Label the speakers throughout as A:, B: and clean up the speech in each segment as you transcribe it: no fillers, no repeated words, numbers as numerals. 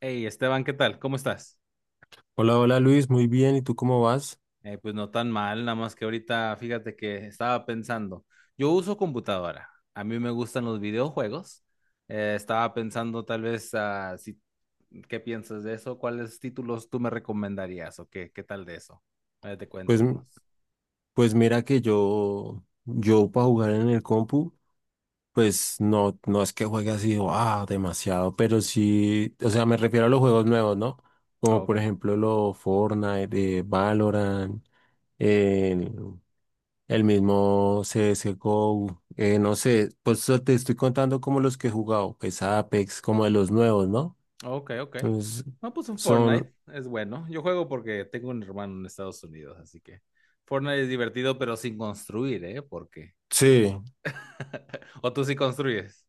A: Hey, Esteban, ¿qué tal? ¿Cómo estás?
B: Hola, hola Luis, muy bien. ¿Y tú cómo vas?
A: Pues no tan mal, nada más que ahorita fíjate que estaba pensando, yo uso computadora, a mí me gustan los videojuegos, estaba pensando tal vez si, ¿qué piensas de eso? ¿Cuáles títulos tú me recomendarías o qué tal de eso? Ahora te cuento
B: Pues,
A: unos.
B: pues mira que yo para jugar en el compu, pues no, no es que juegue así, demasiado, pero sí, o sea, me refiero a los juegos nuevos, ¿no?
A: Ah,
B: Como
A: ok,
B: por ejemplo los Fortnite, Valorant, el, el mismo CSGO, no sé, pues te estoy contando como los que he jugado, pues Apex, como de los nuevos, ¿no?
A: ok, ok.
B: Entonces,
A: No, pues un Fortnite
B: son,
A: es bueno, yo juego porque tengo un hermano en Estados Unidos, así que Fortnite es divertido pero sin construir, ¿eh? Porque,
B: sí.
A: o tú sí construyes.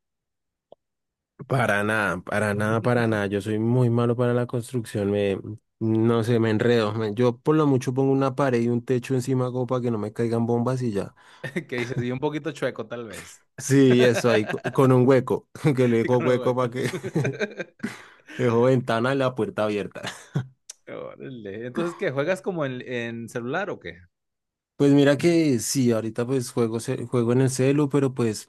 B: Para nada, para nada, para nada. Yo soy muy malo para la construcción. Me, no sé, me enredo. Yo por lo mucho pongo una pared y un techo encima como para que no me caigan bombas y ya.
A: Que dices, y un poquito chueco, tal vez.
B: Sí, eso ahí, con un hueco, que le
A: Y
B: dejo
A: con el
B: hueco
A: hueco.
B: para que dejo ventana y la puerta abierta.
A: Órale. Entonces, ¿qué? ¿Juegas como en celular o qué?
B: Pues mira que sí, ahorita pues juego, juego en el celu, pero pues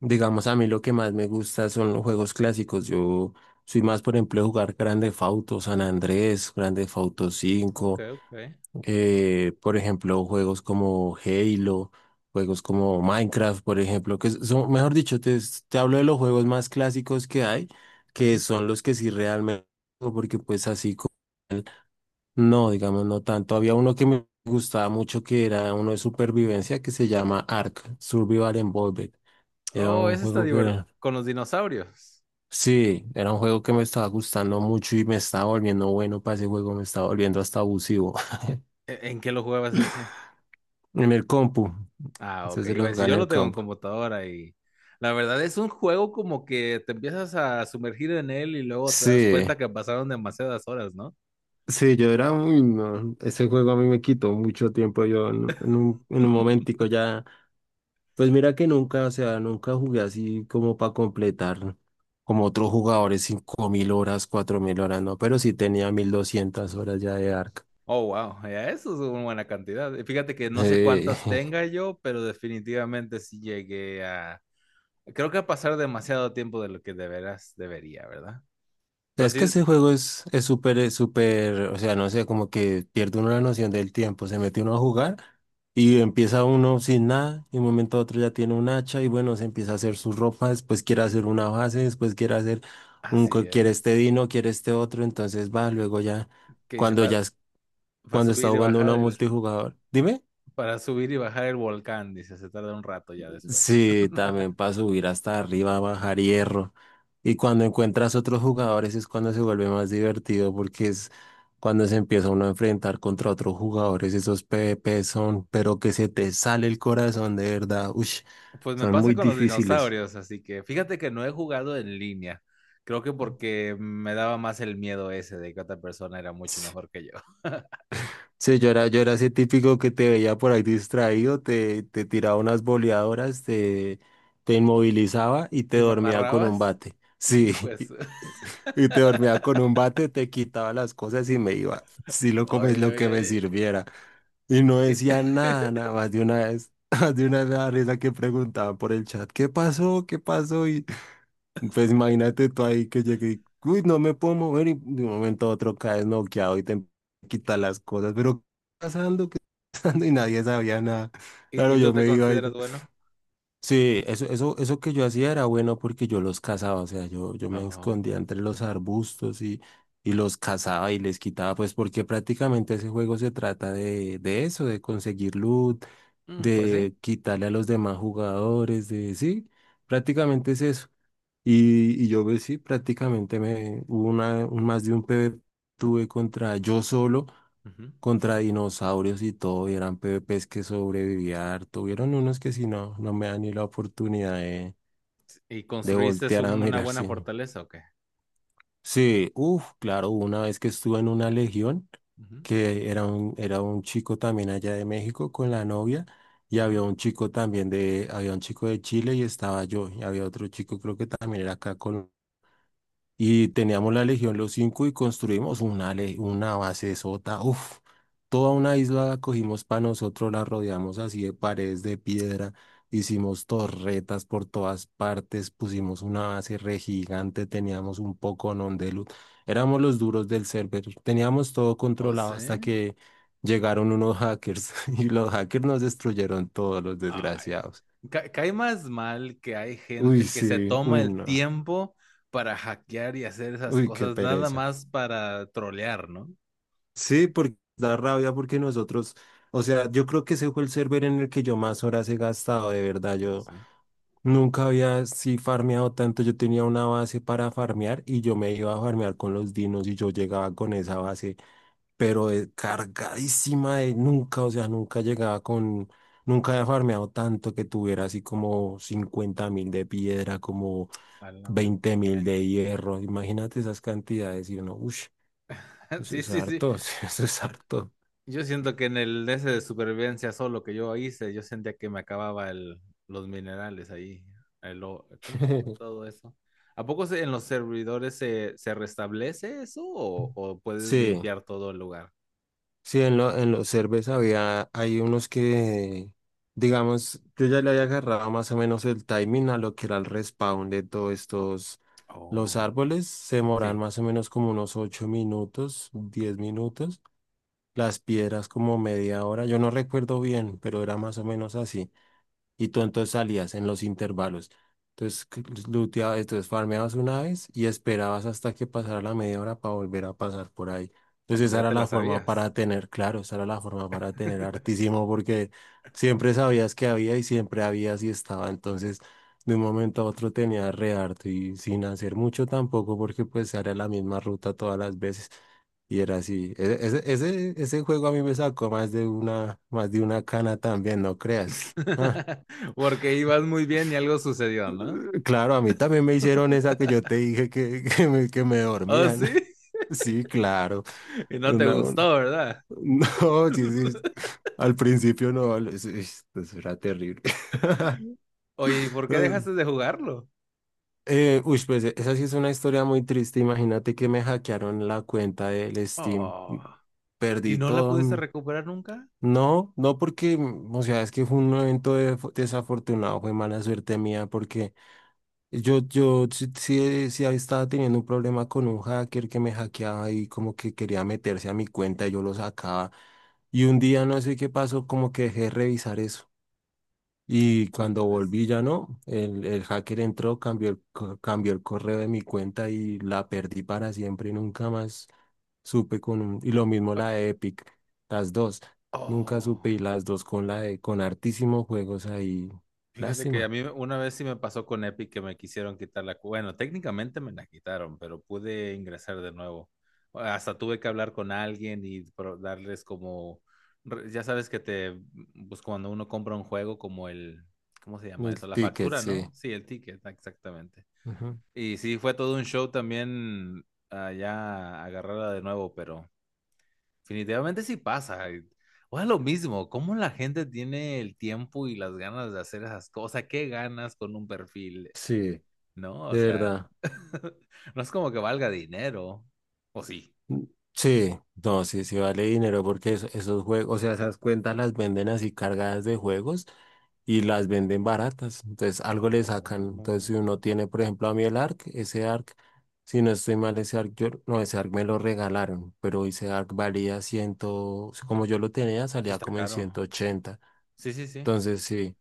B: digamos a mí lo que más me gusta son los juegos clásicos. Yo soy más, por ejemplo, de jugar Grand Theft Auto, San Andrés, Grand Theft Auto
A: Ok,
B: cinco.
A: ok.
B: Por ejemplo, juegos como Halo, juegos como Minecraft, por ejemplo, que son, mejor dicho, te hablo de los juegos más clásicos que hay, que
A: Ujú.
B: son los que sí realmente, juego, porque pues así, no, digamos, no tanto. Había uno que me gustaba mucho, que era uno de supervivencia, que se llama Ark, Survival Involved. Era
A: Oh,
B: un
A: ese está
B: juego que
A: divertido.
B: era,
A: Con los dinosaurios.
B: sí, era un juego que me estaba gustando mucho y me estaba volviendo bueno para ese juego, me estaba volviendo hasta abusivo
A: ¿E- ¿En qué lo jugabas ese?
B: en el compu.
A: Ah, ok.
B: Entonces
A: Iba
B: lo
A: a decir,
B: jugaba en
A: yo lo
B: el
A: tengo en
B: compu.
A: computadora y la verdad es un juego como que te empiezas a sumergir en él y luego te das
B: Sí,
A: cuenta que pasaron demasiadas horas, ¿no?
B: sí, yo era muy... No, ese juego a mí me quitó mucho tiempo, yo en un momentico ya, pues mira que nunca, o sea, nunca jugué así como para completar como otros jugadores 5000 horas, 4000 horas, no, pero sí tenía 1200 horas ya de Ark.
A: Oh, wow, ya eso es una buena cantidad. Y fíjate que no sé
B: Sí.
A: cuántas tenga yo, pero definitivamente sí llegué a... Creo que a pasar demasiado tiempo de lo que de veras debería, ¿verdad? Pero
B: Es que
A: sí,
B: ese juego es súper, es súper, o sea, no sé, como que pierde uno la noción del tiempo, se mete uno a jugar y empieza uno sin nada, y de un momento a otro ya tiene un hacha y bueno, se empieza a hacer su ropa, después quiere hacer una base, después quiere hacer
A: así
B: quiere este
A: es.
B: dino, quiere este otro, entonces va, luego ya,
A: Que dice,
B: cuando ya,
A: para
B: cuando está
A: subir y
B: jugando uno
A: bajar
B: a
A: el...
B: multijugador, dime.
A: Para subir y bajar el volcán, dice, se tarda un rato ya después.
B: Sí, también para subir hasta arriba, bajar hierro. Y cuando encuentras otros jugadores es cuando se vuelve más divertido porque es cuando se empieza uno a enfrentar contra otros jugadores. Esos PvP son, pero que se te sale el corazón de verdad. Ush,
A: Pues me
B: son
A: pasa
B: muy
A: con los
B: difíciles.
A: dinosaurios, así que fíjate que no he jugado en línea. Creo que porque me daba más el miedo ese de que otra persona era mucho mejor que yo.
B: Sí, yo era ese típico que te veía por ahí distraído, te tiraba unas boleadoras, te inmovilizaba y te
A: ¿Y me
B: dormía con un
A: amarrabas?
B: bate. Sí,
A: Hijo de su-
B: y te dormía con un bate, te quitaba las cosas y me iba. Sí, lo comes
A: Oye,
B: lo que
A: oye,
B: me
A: oye.
B: sirviera. Y no
A: ¿Y,
B: decía nada, nada más de una vez. Más de una vez me daba risa que preguntaban por el chat, ¿qué pasó? ¿Qué pasó? Y, pues imagínate tú ahí que llegué y, uy, no me puedo mover y de un momento a otro caes noqueado y te quitan las cosas, pero ¿qué está pasando? ¿Qué está pasando? Y nadie sabía nada.
A: y
B: Claro,
A: tú
B: yo
A: te
B: me iba ahí.
A: consideras bueno?
B: Sí, eso que yo hacía era bueno porque yo los cazaba, o sea, yo me
A: Oh,
B: escondía entre los arbustos y los cazaba y les quitaba, pues porque prácticamente ese juego se trata de, eso, de conseguir loot,
A: mm, pues sí.
B: de quitarle a los demás jugadores, de sí. Prácticamente es eso. Y yo pues, sí, prácticamente me hubo más de un PvP tuve contra yo solo,
A: Ujú.
B: contra dinosaurios y todo, y eran PvPs que sobrevivía harto. Hubieron unos que si no, no me dan ni la oportunidad de,
A: ¿Y
B: de
A: construiste
B: voltear a
A: un- una buena
B: mirarse.
A: fortaleza o qué?
B: Sí, uff, claro, hubo una vez que estuve en una legión,
A: Ujú.
B: que era un chico también allá de México con la novia, y había
A: Ajá.
B: un chico también de, había un chico de Chile y estaba yo, y había otro chico creo que también era acá. Y teníamos la Legión Los Cinco y construimos una base sota, uff, toda una isla cogimos para nosotros, la rodeamos así de paredes de piedra, hicimos torretas por todas partes, pusimos una base re gigante, teníamos un poco de luz, éramos los duros del server, teníamos todo
A: Oh,
B: controlado
A: sí.
B: hasta que llegaron unos hackers y los hackers nos destruyeron todos los
A: Ay.
B: desgraciados.
A: Ca- cae más mal que hay gente
B: Uy,
A: que se
B: sí,
A: toma
B: uy,
A: el
B: no,
A: tiempo para hackear y hacer esas
B: uy, qué
A: cosas nada
B: pereza.
A: más para trolear, ¿no?
B: Sí, porque da rabia porque nosotros, o sea, yo creo que ese fue el server en el que yo más horas he gastado, de verdad.
A: No
B: Yo
A: sé.
B: nunca había así farmeado tanto. Yo tenía una base para farmear y yo me iba a farmear con los dinos y yo llegaba con esa base, pero cargadísima de nunca, o sea, nunca llegaba con, nunca había farmeado tanto que tuviera así como 50.000 de piedra, como
A: ¡A la madre!
B: 20.000 de hierro. Imagínate esas cantidades y uno, uff, eso
A: Sí,
B: es
A: sí, sí.
B: harto, eso es harto.
A: Yo siento que en el ese de supervivencia solo que yo hice, yo sentía que me acababa los minerales ahí. El o- ¿cómo se llama todo eso? ¿A poco se- en los servidores se restablece eso o puedes
B: Sí,
A: limpiar todo el lugar?
B: sí, en los cervezas había, hay unos que, digamos, yo ya le había agarrado más o menos el timing a lo que era el respawn de todos estos, los
A: Oh,
B: árboles se demoran
A: sí.
B: más o menos como unos 8 minutos, 10 minutos, las piedras como media hora, yo no recuerdo bien, pero era más o menos así. Y tú entonces salías en los intervalos. Entonces, looteabas, entonces farmeabas una vez y esperabas hasta que pasara la media hora para volver a pasar por ahí.
A: No,
B: Entonces,
A: pues
B: esa
A: ya
B: era
A: te la
B: la forma
A: sabías.
B: para tener, claro, esa era la forma para tener hartísimo porque siempre sabías que había y siempre había si estaba. Entonces, de un momento a otro tenía re harto y sin hacer mucho tampoco porque pues era la misma ruta todas las veces. Y era así. Ese juego a mí me sacó más de una cana también, no creas. Ah,
A: Porque ibas muy bien y algo sucedió, ¿no?
B: claro, a mí también me hicieron esa que yo te dije que, que me
A: Oh,
B: dormían.
A: sí.
B: Sí, claro.
A: Y no te
B: Una- un-
A: gustó, ¿verdad?
B: No, sí, sí. Al principio no, eso era terrible.
A: Oye, ¿y por qué dejaste de jugarlo?
B: Uy, pues esa sí es una historia muy triste. Imagínate que me hackearon la cuenta del Steam y
A: Oh. ¿Y
B: perdí
A: no la
B: todo.
A: pudiste recuperar nunca?
B: No, no porque, o sea, es que fue un evento desafortunado, fue mala suerte mía porque yo sí, sí, sí estaba teniendo un problema con un hacker que me hackeaba y como que quería meterse a mi cuenta y yo lo sacaba. Y un día no sé qué pasó, como que dejé de revisar eso. Y cuando
A: Hijos.
B: volví ya no, el hacker entró, cambió el correo de mi cuenta y la perdí para siempre y nunca más supe con un... Y lo mismo la de Epic, las dos. Nunca
A: Oh,
B: supe y las dos con la de, con hartísimos juegos ahí.
A: fíjate que a
B: Lástima.
A: mí una vez sí me pasó con Epic que me quisieron quitar la... cu- Bueno, técnicamente me la quitaron, pero pude ingresar de nuevo. Hasta tuve que hablar con alguien y pro- darles como... re- Ya sabes que te... Pues cuando uno compra un juego como el... ¿Cómo se llama
B: El
A: eso? La
B: ticket,
A: factura,
B: sí.
A: ¿no? Sí, el ticket, exactamente.
B: Ujú.
A: Y sí, fue todo un show también ya agarrarla de nuevo, pero... Definitivamente sí pasa. Y- O sea, lo mismo, cómo la gente tiene el tiempo y las ganas de hacer esas cosas, qué ganas con un perfil,
B: Sí.
A: ¿no? O
B: De
A: sea,
B: verdad.
A: no es como que valga dinero, ¿o sí?
B: Mm. Sí, no, sí, sí vale dinero porque esos juegos, o sea, esas cuentas las venden así cargadas de juegos y las venden baratas. Entonces, algo le sacan. Entonces,
A: Oh,
B: si uno tiene, por ejemplo, a mí el ARC, ese ARC, si no estoy mal, ese ARC, yo, no, ese ARC me lo regalaron, pero ese ARC valía 100, como yo lo tenía,
A: sí
B: salía
A: está
B: como en
A: caro.
B: 180.
A: Sí, sí, sí.
B: Entonces, sí.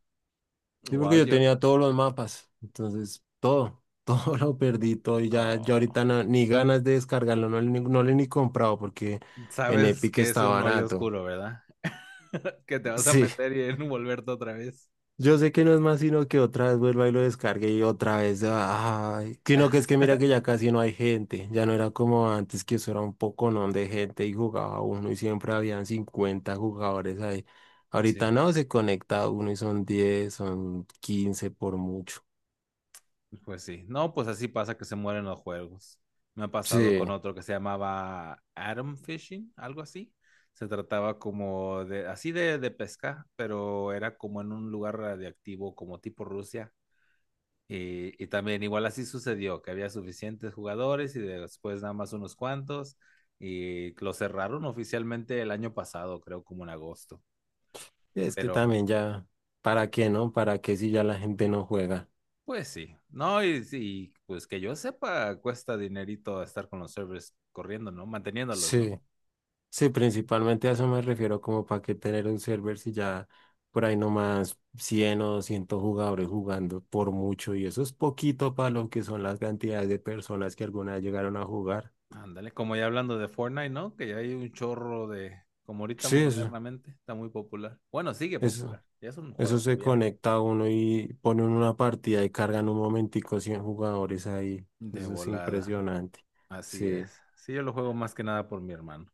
B: Sí,
A: Wow,
B: porque yo
A: yo...
B: tenía todos los mapas, entonces todo, todo lo perdí, todo y ya yo
A: oh,
B: ahorita ni ganas de descargarlo, no, le ni- no lo he ni comprado porque en
A: sabes
B: Epic
A: que es
B: está
A: un hoyo
B: barato.
A: oscuro, ¿verdad? Que te vas a
B: Sí,
A: meter y envolverte otra vez.
B: yo sé que no es más sino que otra vez vuelva y lo descargue y otra vez, ay, sino que es que mira que ya casi no hay gente, ya no era como antes que eso era un poconón de gente y jugaba uno y siempre habían 50 jugadores ahí. Ahorita
A: Sí.
B: no, se conecta uno y son 10, son 15 por mucho.
A: Pues sí, no, pues así pasa que se mueren los juegos. Me ha pasado
B: Sí.
A: con otro que se llamaba Atom Fishing, algo así. Se trataba como así de pesca, pero era como en un lugar radiactivo, como tipo Rusia. Y también igual así sucedió, que había suficientes jugadores y después nada más unos cuantos. Y lo cerraron oficialmente el año pasado, creo como en agosto.
B: Es que
A: Pero
B: también ya, ¿para qué, no? ¿Para qué si ya la gente no juega?
A: pues sí, no, y, pues que yo sepa, cuesta dinerito estar con los servers corriendo, ¿no? Manteniéndolos, ¿no?
B: Sí, sí, principalmente a eso me refiero, como para qué tener un server si ya por ahí nomás 100 o 200 jugadores jugando por mucho y eso es poquito para lo que son las cantidades de personas que alguna vez llegaron a jugar.
A: Ándale, como ya hablando de Fortnite, ¿no? Que ya hay un chorro de, como ahorita
B: Sí,
A: modernamente, está muy popular. Bueno, sigue
B: eso,
A: popular, ya es un
B: eso
A: juego
B: se
A: viejo.
B: conecta a uno y ponen una partida y cargan un momentico 100 jugadores ahí.
A: De
B: Eso es
A: volada,
B: impresionante.
A: así
B: Sí.
A: es. Sí, yo lo juego más que nada por mi hermano.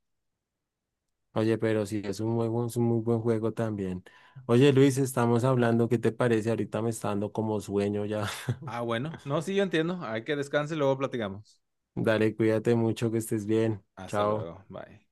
B: Oye, pero sí, es un juego, es un muy buen juego también. Oye, Luis, estamos hablando, ¿qué te parece? Ahorita me está dando como sueño ya.
A: Ah, bueno, no, sí, yo entiendo. Hay que descanse y luego platicamos.
B: Dale, cuídate mucho, que estés bien.
A: Hasta
B: Chao.
A: luego, bye.